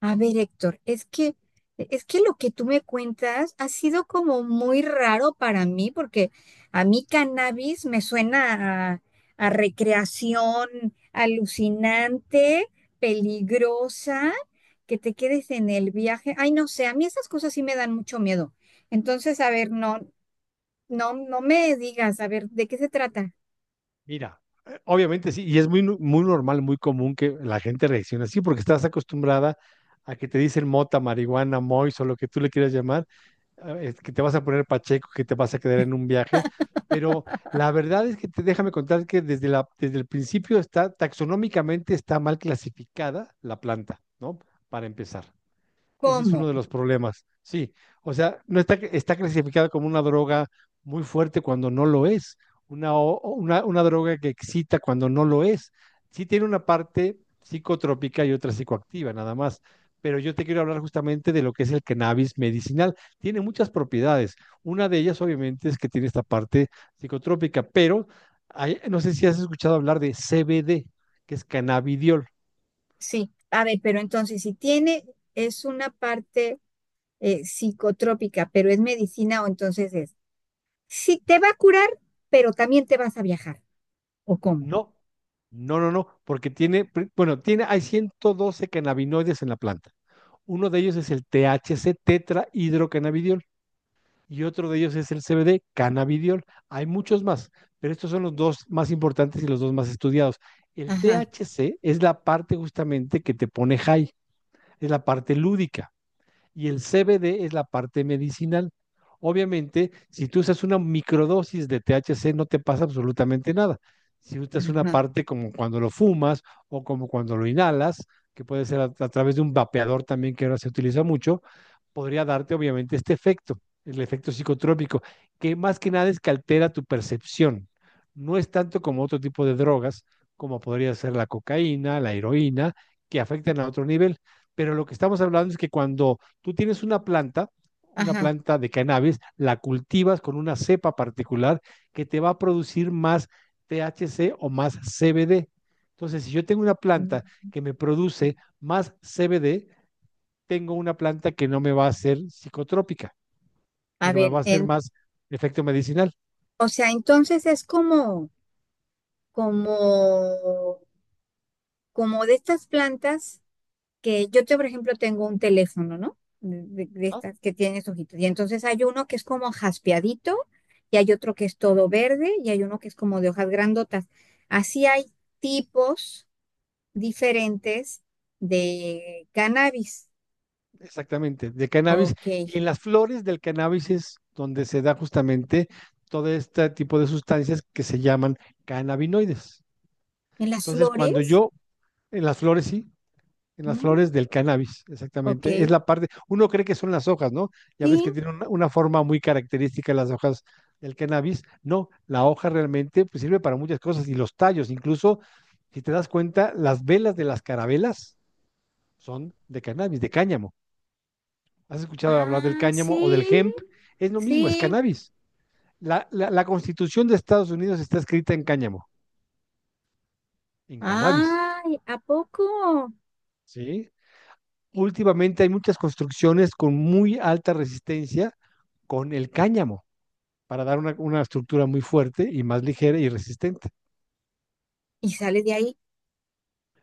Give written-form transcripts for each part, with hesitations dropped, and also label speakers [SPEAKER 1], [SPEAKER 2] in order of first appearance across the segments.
[SPEAKER 1] A ver, Héctor, es que lo que tú me cuentas ha sido como muy raro para mí, porque a mí cannabis me suena a recreación alucinante, peligrosa, que te quedes en el viaje. Ay, no sé, a mí esas cosas sí me dan mucho miedo. Entonces, a ver, no, no, no me digas, a ver, ¿de qué se trata?
[SPEAKER 2] Mira, obviamente sí, y es muy normal, muy común que la gente reaccione así, porque estás acostumbrada a que te dicen mota, marihuana, mois o lo que tú le quieras llamar, que te vas a poner pacheco, que te vas a quedar en un viaje, pero la verdad es que déjame contar que desde el principio está, taxonómicamente está mal clasificada la planta, ¿no? Para empezar. Ese es
[SPEAKER 1] ¿Cómo?
[SPEAKER 2] uno de los problemas, sí. O sea, no está, está clasificada como una droga muy fuerte cuando no lo es, una, o una droga que excita cuando no lo es. Sí tiene una parte psicotrópica y otra psicoactiva, nada más. Pero yo te quiero hablar justamente de lo que es el cannabis medicinal. Tiene muchas propiedades. Una de ellas, obviamente, es que tiene esta parte psicotrópica, pero no sé si has escuchado hablar de CBD, que es cannabidiol.
[SPEAKER 1] Sí, a ver, pero entonces, si tiene, es una parte. Psicotrópica, pero es medicina o entonces es, sí, te va a curar, pero también te vas a viajar, ¿o cómo?
[SPEAKER 2] No, no, no, no, porque tiene, bueno, tiene, hay 112 cannabinoides en la planta. Uno de ellos es el THC, tetrahidrocannabidiol, y otro de ellos es el CBD, cannabidiol. Hay muchos más, pero estos son los dos más importantes y los dos más estudiados. El
[SPEAKER 1] Ajá,
[SPEAKER 2] THC es la parte justamente que te pone high, es la parte lúdica y el CBD es la parte medicinal. Obviamente, si tú usas una microdosis de THC, no te pasa absolutamente nada. Si usas una
[SPEAKER 1] ajá,
[SPEAKER 2] parte como cuando lo fumas o como cuando lo inhalas, que puede ser a través de un vapeador también que ahora se utiliza mucho, podría darte obviamente este efecto, el efecto psicotrópico, que más que nada es que altera tu percepción. No es tanto como otro tipo de drogas, como podría ser la cocaína, la heroína, que afectan a otro nivel. Pero lo que estamos hablando es que cuando tú tienes una
[SPEAKER 1] ajá.
[SPEAKER 2] planta de cannabis, la cultivas con una cepa particular que te va a producir más THC o más CBD. Entonces, si yo tengo una
[SPEAKER 1] Mm.
[SPEAKER 2] planta que me produce más CBD, tengo una planta que no me va a hacer psicotrópica,
[SPEAKER 1] A
[SPEAKER 2] sino me
[SPEAKER 1] ver,
[SPEAKER 2] va a hacer
[SPEAKER 1] en,
[SPEAKER 2] más efecto medicinal,
[SPEAKER 1] o sea, entonces es como, como, como de estas plantas que yo, te, por ejemplo, tengo un teléfono, ¿no? De, de estas que tienes hojitas. Y entonces hay uno que es como jaspeadito, y hay otro que es todo verde, y hay uno que es como de hojas grandotas. Así hay tipos diferentes de cannabis.
[SPEAKER 2] exactamente, de cannabis.
[SPEAKER 1] Ok.
[SPEAKER 2] Y en las flores del cannabis es donde se da justamente todo este tipo de sustancias que se llaman cannabinoides.
[SPEAKER 1] ¿En las
[SPEAKER 2] Entonces, cuando
[SPEAKER 1] flores?
[SPEAKER 2] yo en las flores, sí. En las flores
[SPEAKER 1] Mm,
[SPEAKER 2] del cannabis,
[SPEAKER 1] ok.
[SPEAKER 2] exactamente. Es la parte, uno cree que son las hojas, ¿no? Ya ves
[SPEAKER 1] Sí.
[SPEAKER 2] que tiene una forma muy característica las hojas del cannabis. No, la hoja realmente pues, sirve para muchas cosas y los tallos, incluso, si te das cuenta, las velas de las carabelas son de cannabis, de cáñamo. ¿Has escuchado hablar del
[SPEAKER 1] Ah,
[SPEAKER 2] cáñamo o del
[SPEAKER 1] sí.
[SPEAKER 2] hemp? Es lo mismo, es
[SPEAKER 1] Sí.
[SPEAKER 2] cannabis. La Constitución de Estados Unidos está escrita en cáñamo, en cannabis.
[SPEAKER 1] Ay, ¿a poco?
[SPEAKER 2] ¿Sí? Últimamente hay muchas construcciones con muy alta resistencia con el cáñamo para dar una estructura muy fuerte y más ligera y resistente.
[SPEAKER 1] Y sale de ahí.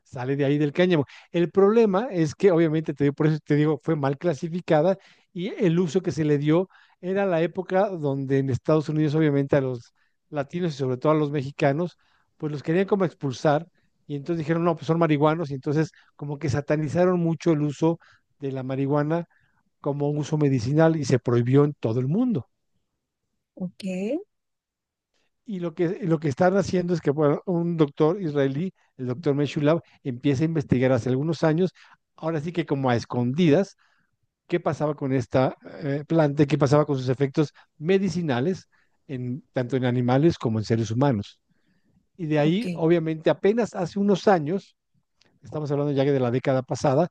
[SPEAKER 2] Sale de ahí del cáñamo. El problema es que obviamente, por eso te digo, fue mal clasificada y el uso que se le dio era la época donde en Estados Unidos obviamente a los latinos y sobre todo a los mexicanos, pues los querían como expulsar y entonces dijeron, no, pues son marihuanos y entonces como que satanizaron mucho el uso de la marihuana como un uso medicinal y se prohibió en todo el mundo.
[SPEAKER 1] Ok,
[SPEAKER 2] Y lo que están haciendo es que bueno, un doctor israelí, el doctor Meshulav, empieza a investigar hace algunos años, ahora sí que como a escondidas, qué pasaba con esta planta, qué pasaba con sus efectos medicinales, tanto en animales como en seres humanos. Y de
[SPEAKER 1] ok.
[SPEAKER 2] ahí, obviamente, apenas hace unos años, estamos hablando ya que de la década pasada,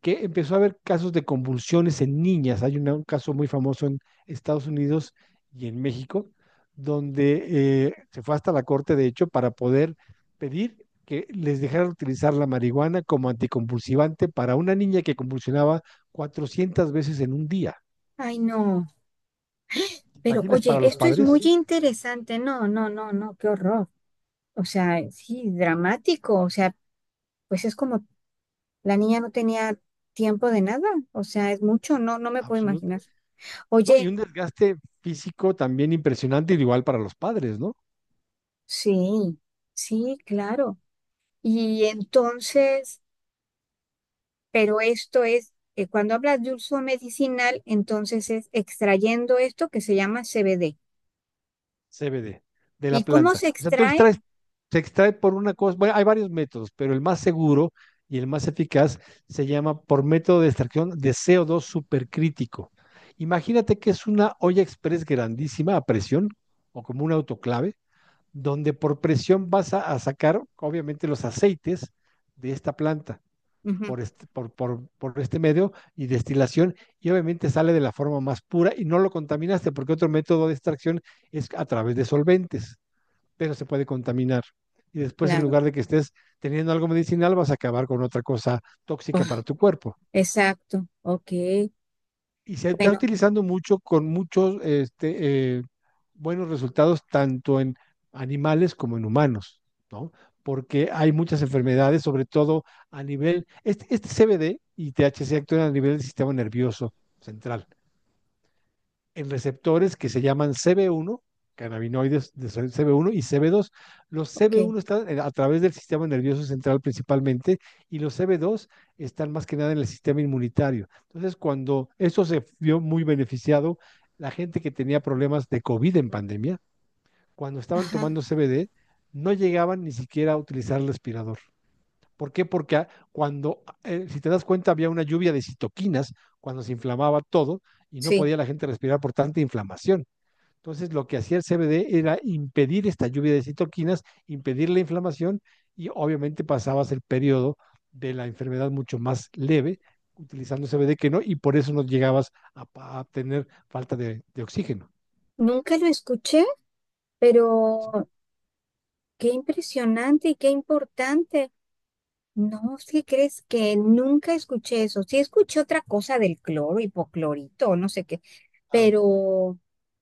[SPEAKER 2] que empezó a haber casos de convulsiones en niñas. Hay un caso muy famoso en Estados Unidos y en México, donde se fue hasta la corte, de hecho, para poder pedir que les dejaran utilizar la marihuana como anticonvulsivante para una niña que convulsionaba 400 veces en un día.
[SPEAKER 1] Ay, no.
[SPEAKER 2] ¿Te
[SPEAKER 1] Pero
[SPEAKER 2] imaginas para
[SPEAKER 1] oye,
[SPEAKER 2] los
[SPEAKER 1] esto es muy
[SPEAKER 2] padres?
[SPEAKER 1] interesante. No, no, no, no, qué horror. O sea, sí, dramático. O sea, pues es como la niña no tenía tiempo de nada. O sea, es mucho. No, no me puedo
[SPEAKER 2] Absoluto.
[SPEAKER 1] imaginar.
[SPEAKER 2] No, y
[SPEAKER 1] Oye.
[SPEAKER 2] un desgaste físico también impresionante, igual para los padres, ¿no?
[SPEAKER 1] Sí, sí, claro. Y entonces, pero esto es, cuando hablas de uso medicinal, entonces es extrayendo esto que se llama CBD.
[SPEAKER 2] CBD de
[SPEAKER 1] ¿Y
[SPEAKER 2] la
[SPEAKER 1] cómo
[SPEAKER 2] planta.
[SPEAKER 1] se
[SPEAKER 2] O sea, tú
[SPEAKER 1] extrae?
[SPEAKER 2] extraes, se extrae por una cosa, bueno, hay varios métodos, pero el más seguro y el más eficaz se llama por método de extracción de co dos supercrítico. Imagínate que es una olla express grandísima a presión o como un autoclave, donde por presión vas a sacar obviamente los aceites de esta planta
[SPEAKER 1] Ujú,
[SPEAKER 2] por este medio y destilación y obviamente sale de la forma más pura y no lo contaminaste porque otro método de extracción es a través de solventes, pero se puede contaminar. Y después en
[SPEAKER 1] claro.
[SPEAKER 2] lugar de que estés teniendo algo medicinal vas a acabar con otra cosa
[SPEAKER 1] Ah,
[SPEAKER 2] tóxica para tu cuerpo
[SPEAKER 1] exacto. Ok.
[SPEAKER 2] y se está
[SPEAKER 1] Bueno,
[SPEAKER 2] utilizando mucho con muchos buenos resultados tanto en animales como en humanos, ¿no? Porque hay muchas enfermedades, sobre todo a nivel, este CBD y THC actúan a nivel del sistema nervioso central en receptores que se llaman CB1, cannabinoides de CB1 y CB2. Los
[SPEAKER 1] ok.
[SPEAKER 2] CB1 están a través del sistema nervioso central principalmente y los CB2 están más que nada en el sistema inmunitario. Entonces, cuando eso se vio muy beneficiado, la gente que tenía problemas de COVID en pandemia, cuando estaban
[SPEAKER 1] Ajá.
[SPEAKER 2] tomando CBD, no llegaban ni siquiera a utilizar el respirador. ¿Por qué? Porque si te das cuenta, había una lluvia de citoquinas cuando se inflamaba todo y no
[SPEAKER 1] Sí.
[SPEAKER 2] podía la gente respirar por tanta inflamación. Entonces, lo que hacía el CBD era impedir esta lluvia de citoquinas, impedir la inflamación y obviamente pasabas el periodo de la enfermedad mucho más leve utilizando CBD que no y por eso no llegabas a tener falta de oxígeno.
[SPEAKER 1] Nunca lo escuché,
[SPEAKER 2] Sí,
[SPEAKER 1] pero qué impresionante y qué importante. No, ¿sí crees que nunca escuché eso? Sí escuché otra cosa del cloro, hipoclorito, no sé qué,
[SPEAKER 2] claro.
[SPEAKER 1] pero,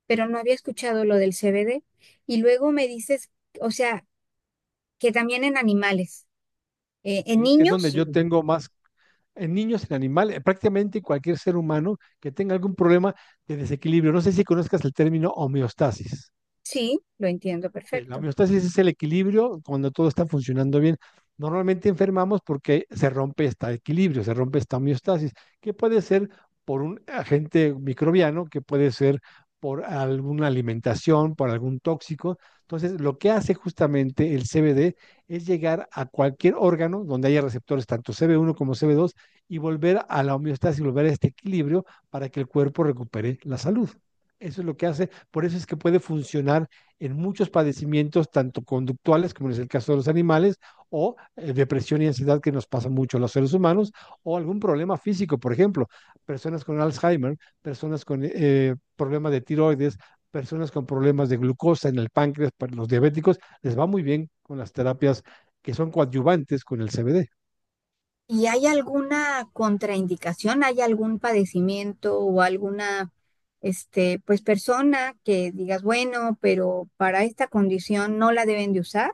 [SPEAKER 1] pero no había escuchado lo del CBD. Y luego me dices, o sea, que también en animales, en
[SPEAKER 2] Sí, que es donde
[SPEAKER 1] niños,
[SPEAKER 2] yo tengo más en niños, en animales, prácticamente cualquier ser humano que tenga algún problema de desequilibrio. No sé si conozcas el término homeostasis.
[SPEAKER 1] sí, lo entiendo
[SPEAKER 2] Ok, la
[SPEAKER 1] perfecto.
[SPEAKER 2] homeostasis es el equilibrio cuando todo está funcionando bien. Normalmente enfermamos porque se rompe este equilibrio, se rompe esta homeostasis, que puede ser por un agente microbiano, que puede ser por alguna alimentación, por algún tóxico. Entonces, lo que hace justamente el CBD es llegar a cualquier órgano donde haya receptores, tanto CB1 como CB2 y volver a la homeostasis, volver a este equilibrio para que el cuerpo recupere la salud. Eso es lo que hace, por eso es que puede funcionar en muchos padecimientos, tanto conductuales, como es el caso de los animales, o depresión y ansiedad que nos pasa mucho a los seres humanos, o algún problema físico, por ejemplo, personas con Alzheimer, personas con problemas de tiroides, personas con problemas de glucosa en el páncreas, para los diabéticos, les va muy bien con las terapias que son coadyuvantes con el CBD.
[SPEAKER 1] ¿Y hay alguna contraindicación? ¿Hay algún padecimiento o alguna, este, pues persona que digas, bueno, pero para esta condición no la deben de usar?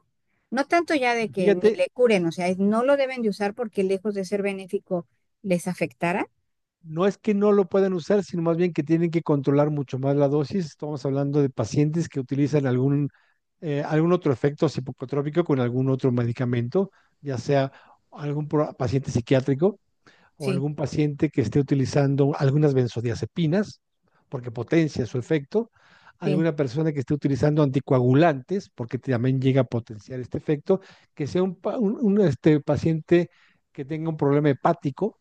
[SPEAKER 1] No tanto ya de que ni
[SPEAKER 2] Fíjate,
[SPEAKER 1] le curen, o sea, es no lo deben de usar porque lejos de ser benéfico les afectará.
[SPEAKER 2] no es que no lo puedan usar, sino más bien que tienen que controlar mucho más la dosis. Estamos hablando de pacientes que utilizan algún otro efecto psicotrópico con algún otro medicamento, ya sea paciente psiquiátrico o
[SPEAKER 1] Sí,
[SPEAKER 2] algún paciente que esté utilizando algunas benzodiazepinas, porque potencia su efecto,
[SPEAKER 1] sí,
[SPEAKER 2] alguna persona que esté utilizando anticoagulantes, porque también llega a potenciar este efecto, que sea un paciente que tenga un problema hepático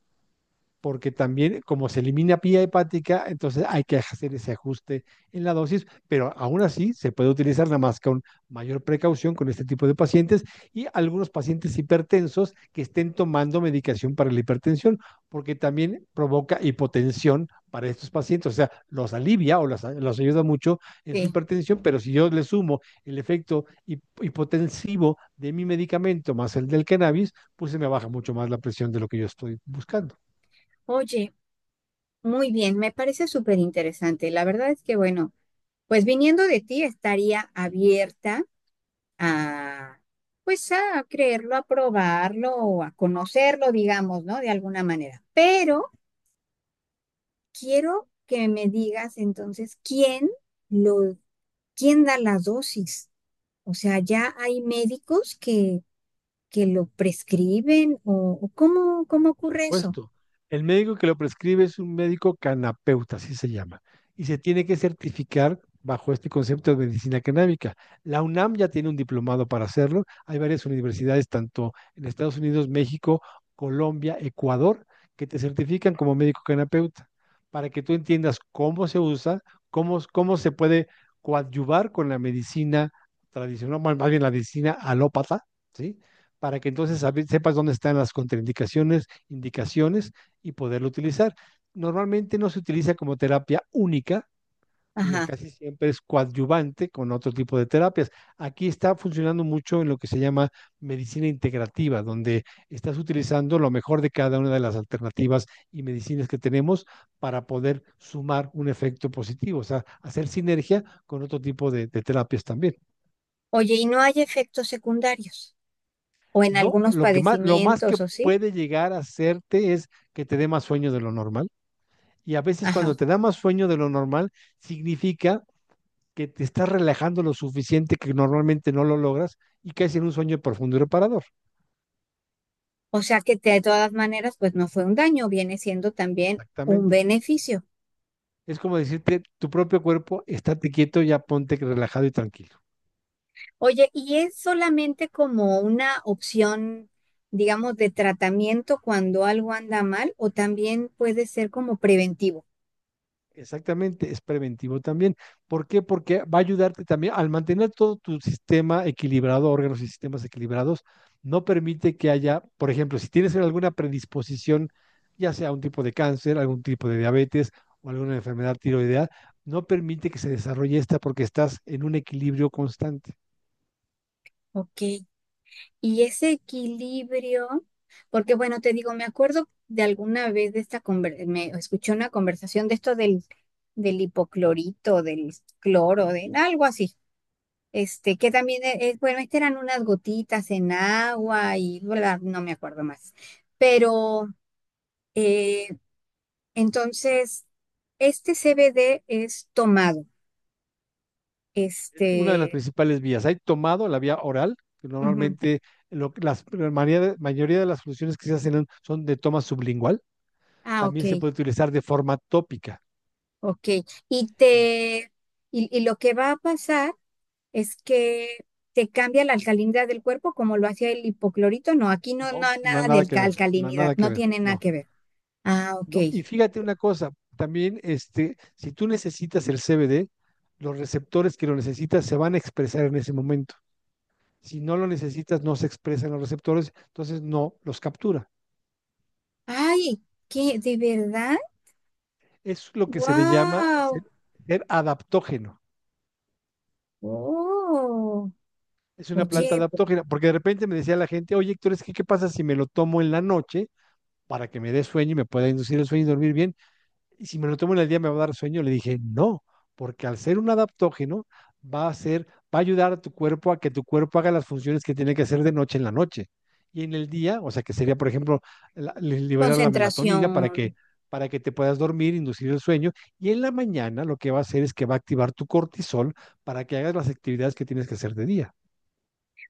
[SPEAKER 2] porque también como se elimina vía hepática, entonces hay que hacer ese ajuste en la dosis, pero aún así se puede utilizar nada más con mayor precaución con este tipo de pacientes y algunos pacientes hipertensos que estén tomando medicación para la hipertensión, porque también provoca hipotensión para estos pacientes, o sea, los alivia o los ayuda mucho en su
[SPEAKER 1] sí.
[SPEAKER 2] hipertensión, pero si yo le sumo el efecto hipotensivo de mi medicamento más el del cannabis, pues se me baja mucho más la presión de lo que yo estoy buscando.
[SPEAKER 1] Oye, muy bien, me parece súper interesante. La verdad es que, bueno, pues viniendo de ti estaría abierta a, pues a creerlo, a probarlo o a conocerlo, digamos, ¿no? De alguna manera. Pero quiero que me digas entonces quién lo, quién da las dosis. O sea, ya hay médicos que lo prescriben o cómo, cómo ocurre eso.
[SPEAKER 2] Supuesto. El médico que lo prescribe es un médico canapeuta, así se llama, y se tiene que certificar bajo este concepto de medicina canábica. La UNAM ya tiene un diplomado para hacerlo. Hay varias universidades, tanto en Estados Unidos, México, Colombia, Ecuador, que te certifican como médico canapeuta, para que tú entiendas cómo se usa, cómo se puede coadyuvar con la medicina tradicional, más bien la medicina alópata, ¿sí? Para que entonces sepas dónde están las contraindicaciones indicaciones y poderlo utilizar. Normalmente no se utiliza como terapia única, sino
[SPEAKER 1] Ajá.
[SPEAKER 2] casi siempre es coadyuvante con otro tipo de terapias. Aquí está funcionando mucho en lo que se llama medicina integrativa, donde estás utilizando lo mejor de cada una de las alternativas y medicinas que tenemos para poder sumar un efecto positivo, o sea, hacer sinergia con otro tipo de terapias también.
[SPEAKER 1] Oye, y no hay efectos secundarios o en
[SPEAKER 2] No,
[SPEAKER 1] algunos
[SPEAKER 2] lo que más, lo más que
[SPEAKER 1] padecimientos, ¿o sí?
[SPEAKER 2] puede llegar a hacerte es que te dé más sueño de lo normal. Y a veces
[SPEAKER 1] Ajá.
[SPEAKER 2] cuando te da más sueño de lo normal, significa que te estás relajando lo suficiente que normalmente no lo logras y caes en un sueño profundo y reparador.
[SPEAKER 1] O sea que de todas maneras, pues no fue un daño, viene siendo también un
[SPEAKER 2] Exactamente.
[SPEAKER 1] beneficio.
[SPEAKER 2] Es como decirte, tu propio cuerpo, estate quieto, ya ponte relajado y tranquilo.
[SPEAKER 1] Oye, ¿y es solamente como una opción, digamos, de tratamiento cuando algo anda mal o también puede ser como preventivo?
[SPEAKER 2] Exactamente, es preventivo también. ¿Por qué? Porque va a ayudarte también al mantener todo tu sistema equilibrado, órganos y sistemas equilibrados, no permite que haya, por ejemplo, si tienes alguna predisposición, ya sea un tipo de cáncer, algún tipo de diabetes o alguna enfermedad tiroidea, no permite que se desarrolle esta porque estás en un equilibrio constante.
[SPEAKER 1] Ok. Y ese equilibrio, porque bueno, te digo, me acuerdo de alguna vez de esta me escuché una conversación de esto del, del hipoclorito, del cloro,
[SPEAKER 2] Ujú.
[SPEAKER 1] de algo así. Este, que también es, bueno, este eran unas gotitas en agua y bla, no me acuerdo más. Pero eh, entonces, este CBD es tomado.
[SPEAKER 2] Es una de las
[SPEAKER 1] Este,
[SPEAKER 2] principales vías. Hay tomado la vía oral, que
[SPEAKER 1] ujú.
[SPEAKER 2] normalmente la mayoría de las soluciones que se hacen son de toma sublingual,
[SPEAKER 1] Ah, ok,
[SPEAKER 2] también se puede utilizar de forma tópica.
[SPEAKER 1] ok. Y te, y lo que va a pasar es que te cambia la alcalinidad del cuerpo como lo hacía el hipoclorito. No, aquí no, no
[SPEAKER 2] No,
[SPEAKER 1] hay
[SPEAKER 2] no hay
[SPEAKER 1] nada de
[SPEAKER 2] nada que ver, no hay
[SPEAKER 1] alcalinidad,
[SPEAKER 2] nada que
[SPEAKER 1] no
[SPEAKER 2] ver,
[SPEAKER 1] tiene nada
[SPEAKER 2] no.
[SPEAKER 1] que ver. Ah, ok.
[SPEAKER 2] no. Y fíjate una cosa, también este, si tú necesitas el CBD, los receptores que lo necesitas se van a expresar en ese momento. Si no lo necesitas, no se expresan los receptores, entonces no los captura.
[SPEAKER 1] Ay, ¿qué? ¿De verdad?
[SPEAKER 2] Es lo que se le llama
[SPEAKER 1] ¡Wow!
[SPEAKER 2] ser, ser adaptógeno.
[SPEAKER 1] Oh,
[SPEAKER 2] Es una planta
[SPEAKER 1] oye,
[SPEAKER 2] adaptógena, porque de repente me decía la gente, oye Héctor, es que ¿qué pasa si me lo tomo en la noche para que me dé sueño y me pueda inducir el sueño y dormir bien? Y si me lo tomo en el día me va a dar sueño, le dije, no, porque al ser un adaptógeno va a ser, va a ayudar a tu cuerpo a que tu cuerpo haga las funciones que tiene que hacer de noche en la noche. Y en el día, o sea que sería, por ejemplo, liberar la melatonina
[SPEAKER 1] concentración.
[SPEAKER 2] para que te puedas dormir, inducir el sueño. Y en la mañana lo que va a hacer es que va a activar tu cortisol para que hagas las actividades que tienes que hacer de día.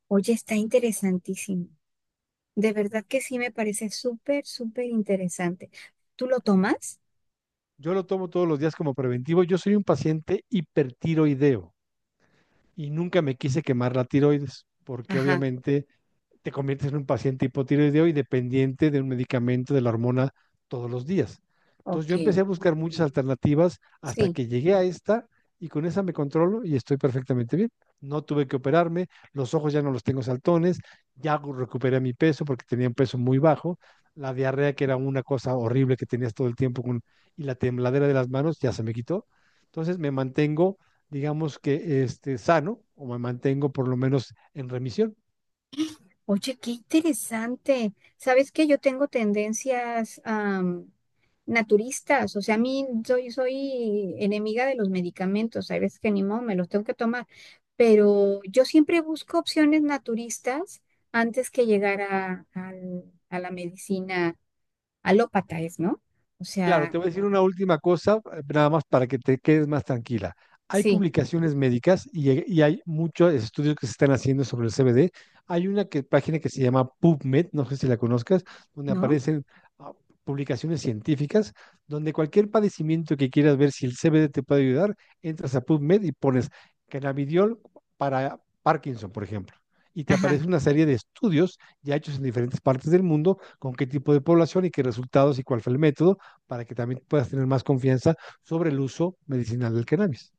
[SPEAKER 1] Oye, está interesantísimo. De verdad que sí me parece súper, súper interesante. ¿Tú lo tomas?
[SPEAKER 2] Yo lo tomo todos los días como preventivo. Yo soy un paciente hipertiroideo y nunca me quise quemar la tiroides, porque
[SPEAKER 1] Ajá,
[SPEAKER 2] obviamente te conviertes en un paciente hipotiroideo y dependiente de un medicamento de la hormona todos los días. Entonces
[SPEAKER 1] ok.
[SPEAKER 2] yo empecé a buscar muchas alternativas hasta
[SPEAKER 1] Sí.
[SPEAKER 2] que llegué a esta y con esa me controlo y estoy perfectamente bien. No tuve que operarme, los ojos ya no los tengo saltones, ya recuperé mi peso porque tenía un peso muy bajo, la diarrea que era una cosa horrible que tenías todo el tiempo con, y la tembladera de las manos ya se me quitó. Entonces me mantengo, digamos que este, sano, o me mantengo por lo menos en remisión.
[SPEAKER 1] Oye, qué interesante. ¿Sabes que yo tengo tendencias naturistas? O sea, a mí soy, soy enemiga de los medicamentos. Hay veces que ni modo me los tengo que tomar. Pero yo siempre busco opciones naturistas antes que llegar a, a la medicina alópata, ¿es, no? O
[SPEAKER 2] Claro, te
[SPEAKER 1] sea,
[SPEAKER 2] voy a decir una última cosa, nada más para que te quedes más tranquila. Hay
[SPEAKER 1] sí,
[SPEAKER 2] publicaciones médicas y, hay muchos estudios que se están haciendo sobre el CBD. Hay una página que se llama PubMed, no sé si la conozcas, donde
[SPEAKER 1] ¿no?
[SPEAKER 2] aparecen ah, publicaciones científicas, donde cualquier padecimiento que quieras ver si el CBD te puede ayudar, entras a PubMed y pones cannabidiol para Parkinson, por ejemplo. Y te
[SPEAKER 1] Ajá.
[SPEAKER 2] aparece una serie de estudios ya hechos en diferentes partes del mundo, con qué tipo de población y qué resultados y cuál fue el método para que también puedas tener más confianza sobre el uso medicinal del cannabis.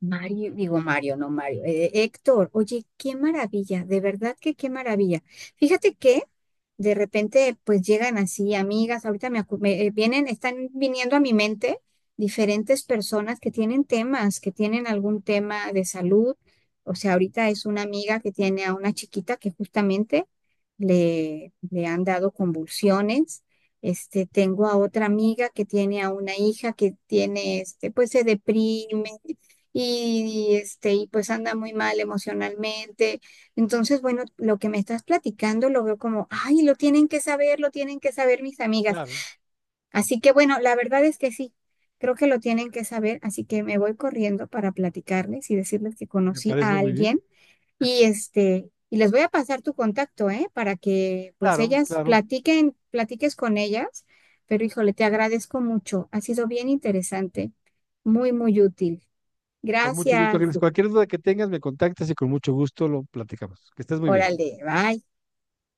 [SPEAKER 1] Mario, digo Mario, no Mario, Héctor, oye, qué maravilla, de verdad que qué maravilla. Fíjate que de repente pues llegan así amigas, ahorita me, vienen, están viniendo a mi mente diferentes personas que tienen temas, que tienen algún tema de salud. O sea, ahorita es una amiga que tiene a una chiquita que justamente le, le han dado convulsiones. Este, tengo a otra amiga que tiene a una hija que tiene, este, pues se deprime y, este, y pues anda muy mal emocionalmente. Entonces, bueno, lo que me estás platicando lo veo como, ay, lo tienen que saber, lo tienen que saber mis amigas.
[SPEAKER 2] Claro.
[SPEAKER 1] Así que bueno, la verdad es que sí, creo que lo tienen que saber, así que me voy corriendo para platicarles y decirles que
[SPEAKER 2] Me
[SPEAKER 1] conocí
[SPEAKER 2] parece
[SPEAKER 1] a
[SPEAKER 2] muy bien.
[SPEAKER 1] alguien y este, y les voy a pasar tu contacto, ¿eh? Para que pues
[SPEAKER 2] Claro,
[SPEAKER 1] ellas
[SPEAKER 2] claro.
[SPEAKER 1] platiquen, platiques con ellas. Pero híjole, te agradezco mucho. Ha sido bien interesante, muy, muy útil.
[SPEAKER 2] Con mucho gusto,
[SPEAKER 1] Gracias.
[SPEAKER 2] Ángeles. Cualquier duda que tengas, me contactas y con mucho gusto lo platicamos. Que estés muy bien.
[SPEAKER 1] Órale, bye.